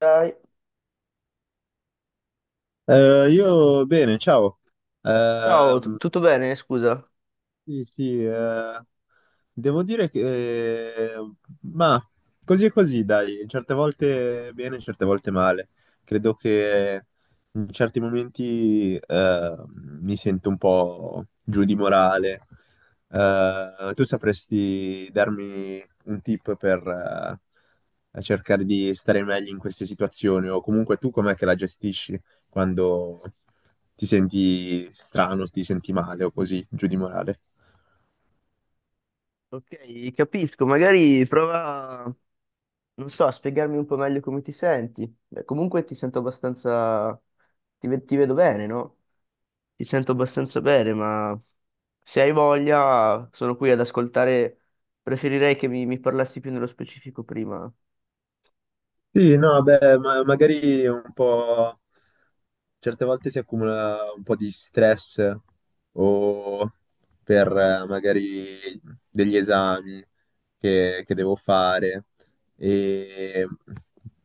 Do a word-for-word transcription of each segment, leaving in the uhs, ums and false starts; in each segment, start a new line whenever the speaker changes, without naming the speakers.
Dai.
Eh, io bene, ciao.
Ciao, t-
Ehm,
tutto bene? Scusa.
sì, sì, eh, Devo dire che, eh, ma così e così, dai, certe volte bene, certe volte male. Credo che in certi momenti eh, mi sento un po' giù di morale. Eh, tu sapresti darmi un tip per eh, cercare di stare meglio in queste situazioni, o comunque tu com'è che la gestisci quando ti senti strano, ti senti male o così, giù di morale?
Ok, capisco, magari prova, non so, a spiegarmi un po' meglio come ti senti. Beh, comunque ti sento abbastanza, ti, ve- ti vedo bene, no? Ti sento abbastanza bene, ma se hai voglia, sono qui ad ascoltare, preferirei che mi, mi parlassi più nello specifico prima.
Sì, no, beh, ma- magari un po', certe volte si accumula un po' di stress o per eh, magari degli esami che, che devo fare e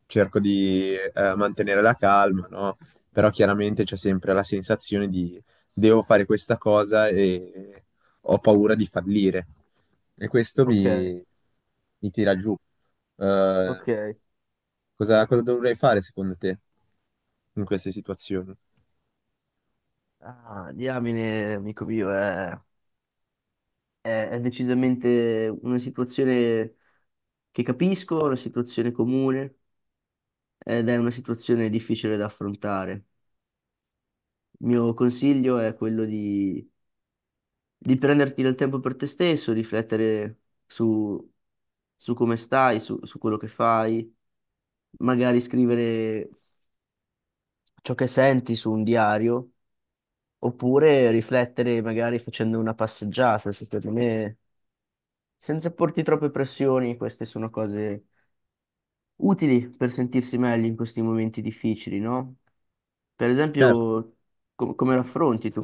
cerco di eh, mantenere la calma, no? Però chiaramente c'è sempre la sensazione di devo fare questa cosa e ho paura di fallire e questo
Ok,
mi mi tira giù. Eh,
ok.
cosa, cosa dovrei fare secondo te in queste situazioni?
Ah, diamine, amico mio, è, è è decisamente una situazione che capisco, una situazione comune. Ed è una situazione difficile da affrontare. Il mio consiglio è quello di, di prenderti del tempo per te stesso, riflettere su, su come stai, su, su quello che fai, magari scrivere ciò che senti su un diario, oppure riflettere magari facendo una passeggiata, secondo me, senza porti troppe pressioni, queste sono cose utili per sentirsi meglio in questi momenti difficili, no? Per
Certo,
esempio, com- come raffronti tu?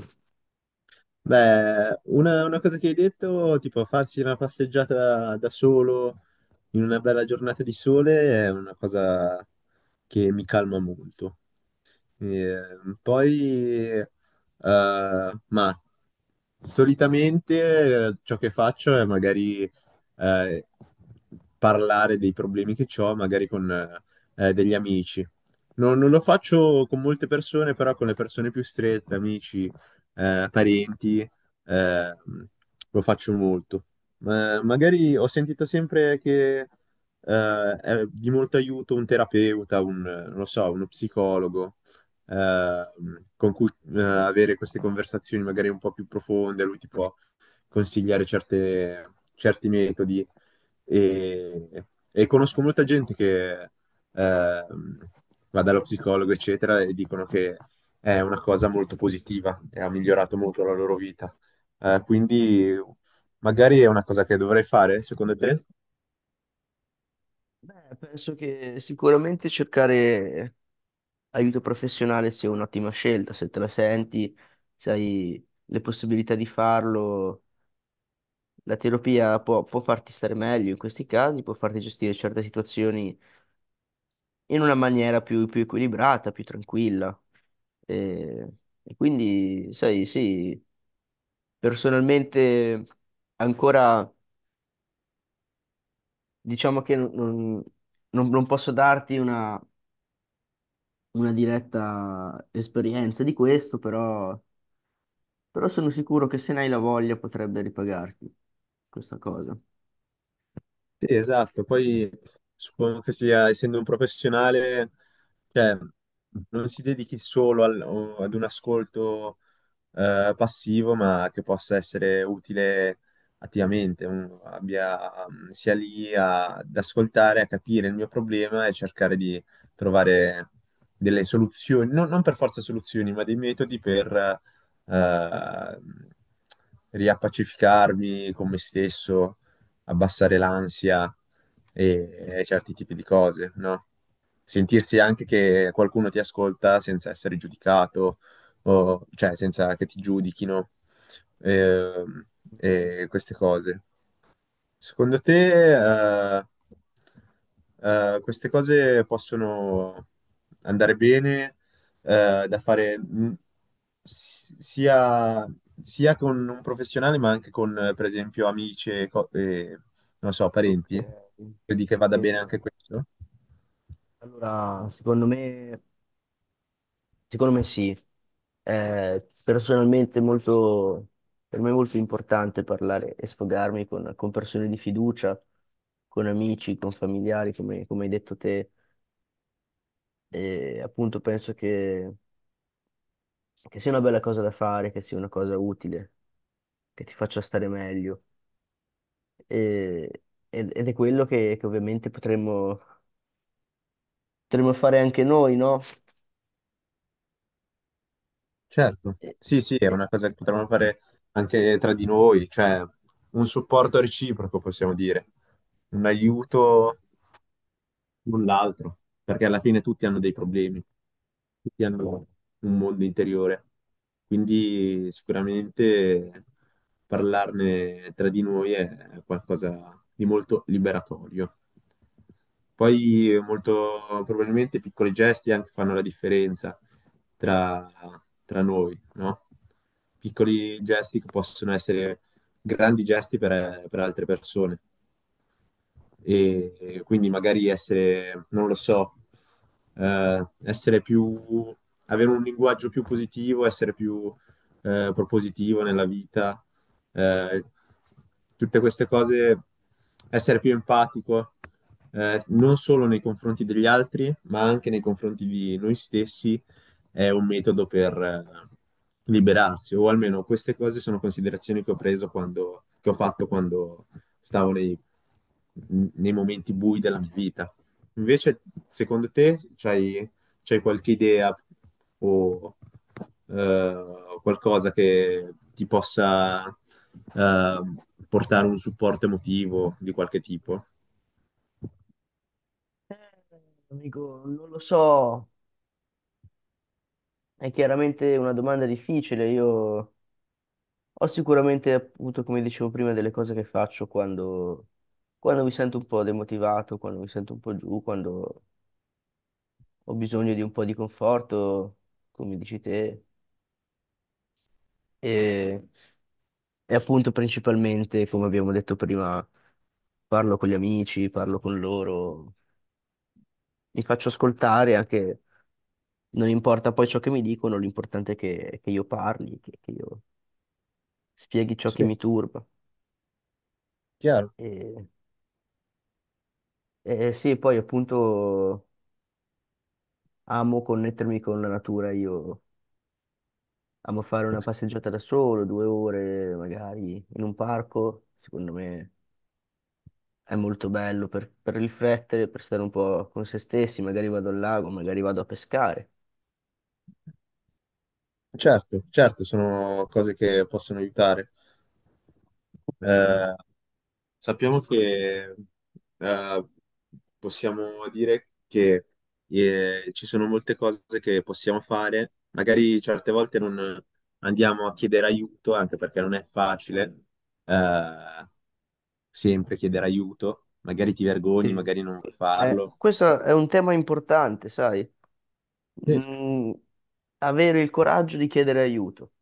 beh, una, una cosa che hai detto, tipo farsi una passeggiata da solo in una bella giornata di sole è una cosa che mi calma molto. Ehm, poi, eh, ma solitamente eh, ciò che faccio è magari eh, parlare dei problemi che ho, magari con eh, degli amici. Non, non lo faccio con molte persone, però con le persone più strette, amici, eh, parenti, eh, lo faccio molto. Ma magari ho sentito sempre che eh, è di molto aiuto un terapeuta, un, non lo so, uno psicologo eh, con cui eh, avere queste conversazioni magari un po' più profonde, lui ti può consigliare certe- certi metodi e, e conosco molta gente che ehm, va dallo psicologo, eccetera, e dicono che è una cosa molto positiva e ha migliorato molto la loro vita. Eh, quindi magari è una cosa che dovrei fare, secondo te?
Beh, penso che sicuramente cercare aiuto professionale sia un'ottima scelta, se te la senti, se hai le possibilità di farlo, la terapia può, può farti stare meglio in questi casi, può farti gestire certe situazioni in una maniera più, più equilibrata, più tranquilla. E, e quindi, sai, sì, personalmente ancora diciamo che non, non- non posso darti una una diretta esperienza di questo, però, però sono sicuro che se ne hai la voglia potrebbe ripagarti questa cosa.
Sì, esatto, poi suppongo che sia, essendo un professionale, cioè, non si dedichi solo al- o- ad un ascolto eh, passivo, ma che possa essere utile attivamente, un- abbia, mm, sia lì a- ad ascoltare, a capire il mio problema e cercare di trovare delle soluzioni, non, non per forza soluzioni, ma dei metodi per eh, riappacificarmi con me stesso, abbassare l'ansia e, e certi tipi di cose, no? Sentirsi anche che qualcuno ti ascolta senza essere giudicato o- cioè senza che ti giudichino ehm, e queste cose. Secondo te, eh, eh, queste cose possono andare bene, eh, da fare mh, s- sia, sia con un professionale, ma anche con, eh, per esempio, amici e, co- e, non so,
Ok.
parenti? Credi che vada bene
Eh,
anche questo?
allora secondo me, secondo me sì, è personalmente molto, per me è molto importante parlare e sfogarmi con, con persone di fiducia, con amici, con familiari, come, come hai detto te, e appunto penso che che sia una bella cosa da fare, che sia una cosa utile, che ti faccia stare meglio. E- ed, ed è quello che, che ovviamente potremmo, potremmo fare anche noi, no?
Certo,
E-
sì, sì, è
e-
una cosa che potremmo fare anche tra di noi, cioè un supporto reciproco, possiamo dire, un aiuto null'altro, perché alla fine tutti hanno dei problemi, tutti hanno un mondo interiore. Quindi sicuramente parlarne tra di noi è qualcosa di molto liberatorio. Poi molto probabilmente piccoli gesti anche fanno la differenza tra, tra noi, no? Piccoli gesti che possono essere grandi gesti per, per altre persone e, e quindi magari essere, non lo so, eh, essere più, avere un linguaggio più positivo, essere più eh, propositivo nella vita, eh, tutte queste cose, essere più empatico, eh, non solo nei confronti degli altri, ma anche nei confronti di noi stessi, è un metodo per eh, liberarsi, o almeno queste cose sono considerazioni che ho preso quando, che ho fatto quando stavo nei n- nei momenti bui della mia vita. Invece, secondo te, c'hai, c'hai qualche idea o eh, qualcosa che ti possa eh, portare un supporto emotivo di qualche tipo?
dico, non lo so, è chiaramente una domanda difficile. Io ho sicuramente, appunto, come dicevo prima, delle cose che faccio quando, quando mi sento un po' demotivato, quando mi sento un po' giù, quando ho bisogno di un po' di conforto, come dici te. E appunto principalmente, come abbiamo detto prima, parlo con gli amici, parlo con loro, mi faccio ascoltare anche, non importa poi ciò che mi dicono, l'importante è che, che io parli, che, che io spieghi ciò che
Sì,
mi turba.
chiaro.
E, e sì, poi appunto amo connettermi con la natura, io amo fare una passeggiata da solo, due ore magari in un parco, secondo me è molto bello per, per riflettere, per stare un po' con se stessi, magari vado al lago, magari vado a pescare.
Certo, certo, sono cose che possono aiutare. Eh, Sappiamo che eh, possiamo dire che eh, ci sono molte cose che possiamo fare, magari certe volte non andiamo a chiedere aiuto, anche perché non è facile eh, sempre chiedere aiuto, magari ti vergogni,
Sì.
magari non vuoi
Eh,
farlo.
questo è un tema importante, sai?
Sì,
Mm, avere il coraggio di chiedere aiuto.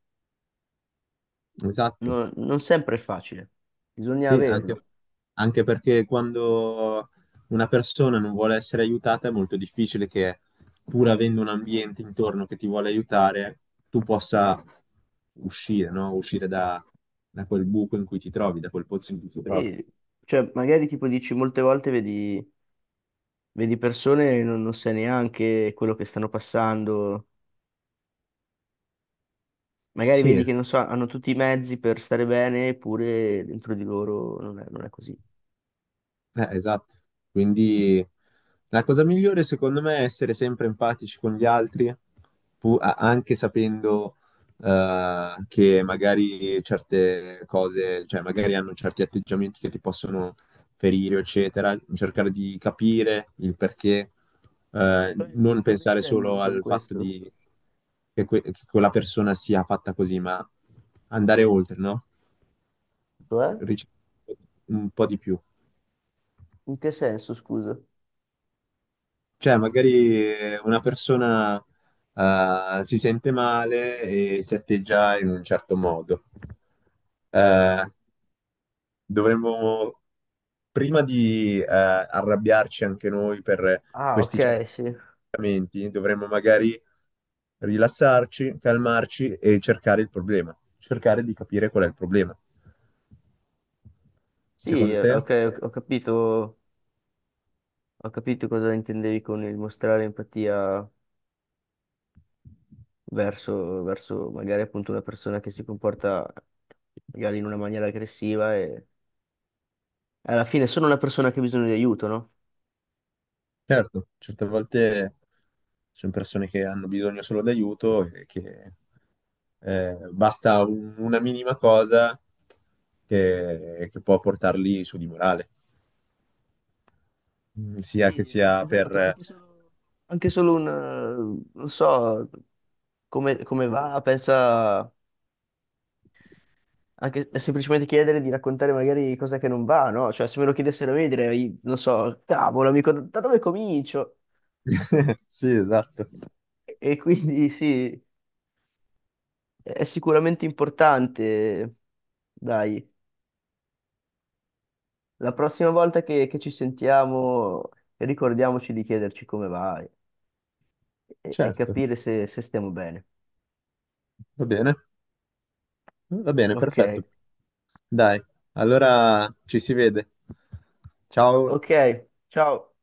esatto.
No- non sempre è facile, bisogna
Sì, anche,
averlo.
anche perché quando una persona non vuole essere aiutata è molto difficile che, pur avendo un ambiente intorno che ti vuole aiutare, tu possa uscire, no? Uscire da, da quel buco in cui ti trovi, da quel pozzo in cui ti trovi.
E, cioè, magari tipo dici molte volte vedi, vedi persone e non, non sai neanche quello che stanno passando. Magari
Sì,
vedi
esatto.
che non so, hanno tutti i mezzi per stare bene, eppure dentro di loro non è, non è così.
Eh, esatto. Quindi la cosa migliore secondo me è essere sempre empatici con gli altri, pu- a- anche sapendo eh, che magari certe cose, cioè magari hanno certi atteggiamenti che ti possono ferire, eccetera. Cercare di capire il perché, eh,
Cioè,
non
cosa
pensare
intendi
solo
con
al fatto
questo?
di che, que- che quella persona sia fatta così, ma andare oltre, no?
Cioè?
Ricercare un po' di più.
In che senso, scusa?
Cioè, magari eh, una persona eh, si sente male e si atteggia in un certo modo. Eh, Dovremmo, prima di eh, arrabbiarci anche noi per
Ah, ok,
questi certi
sì.
atteggiamenti, dovremmo magari rilassarci, calmarci e cercare il problema, cercare di capire qual è il problema.
Sì,
Secondo
eh,
te?
ok, ho ho capito. Ho capito cosa intendevi con il mostrare empatia verso, verso magari appunto una persona che si comporta magari in una maniera aggressiva e alla fine è solo una persona che ha bisogno di aiuto, no?
Certo, certe volte ci sono persone che hanno bisogno solo d'aiuto e che eh, basta un- una minima cosa che, che può portarli su di morale. Mm, sia che
Sì,
sia
esatto,
per...
anche solo, anche solo un, eh, non so, come, come va, pensa, anche semplicemente chiedere di raccontare magari cosa che non va, no? Cioè, se me lo chiedessero a me direi, non so, cavolo, amico, da da dove comincio?
Sì, esatto,
E quindi sì. È sicuramente importante. Dai, la prossima volta che, che ci sentiamo, ricordiamoci di chiederci come vai e, e
certo,
capire se se stiamo bene.
va bene, va bene,
Ok,
perfetto. Dai, allora ci si vede. Ciao.
ok, ciao.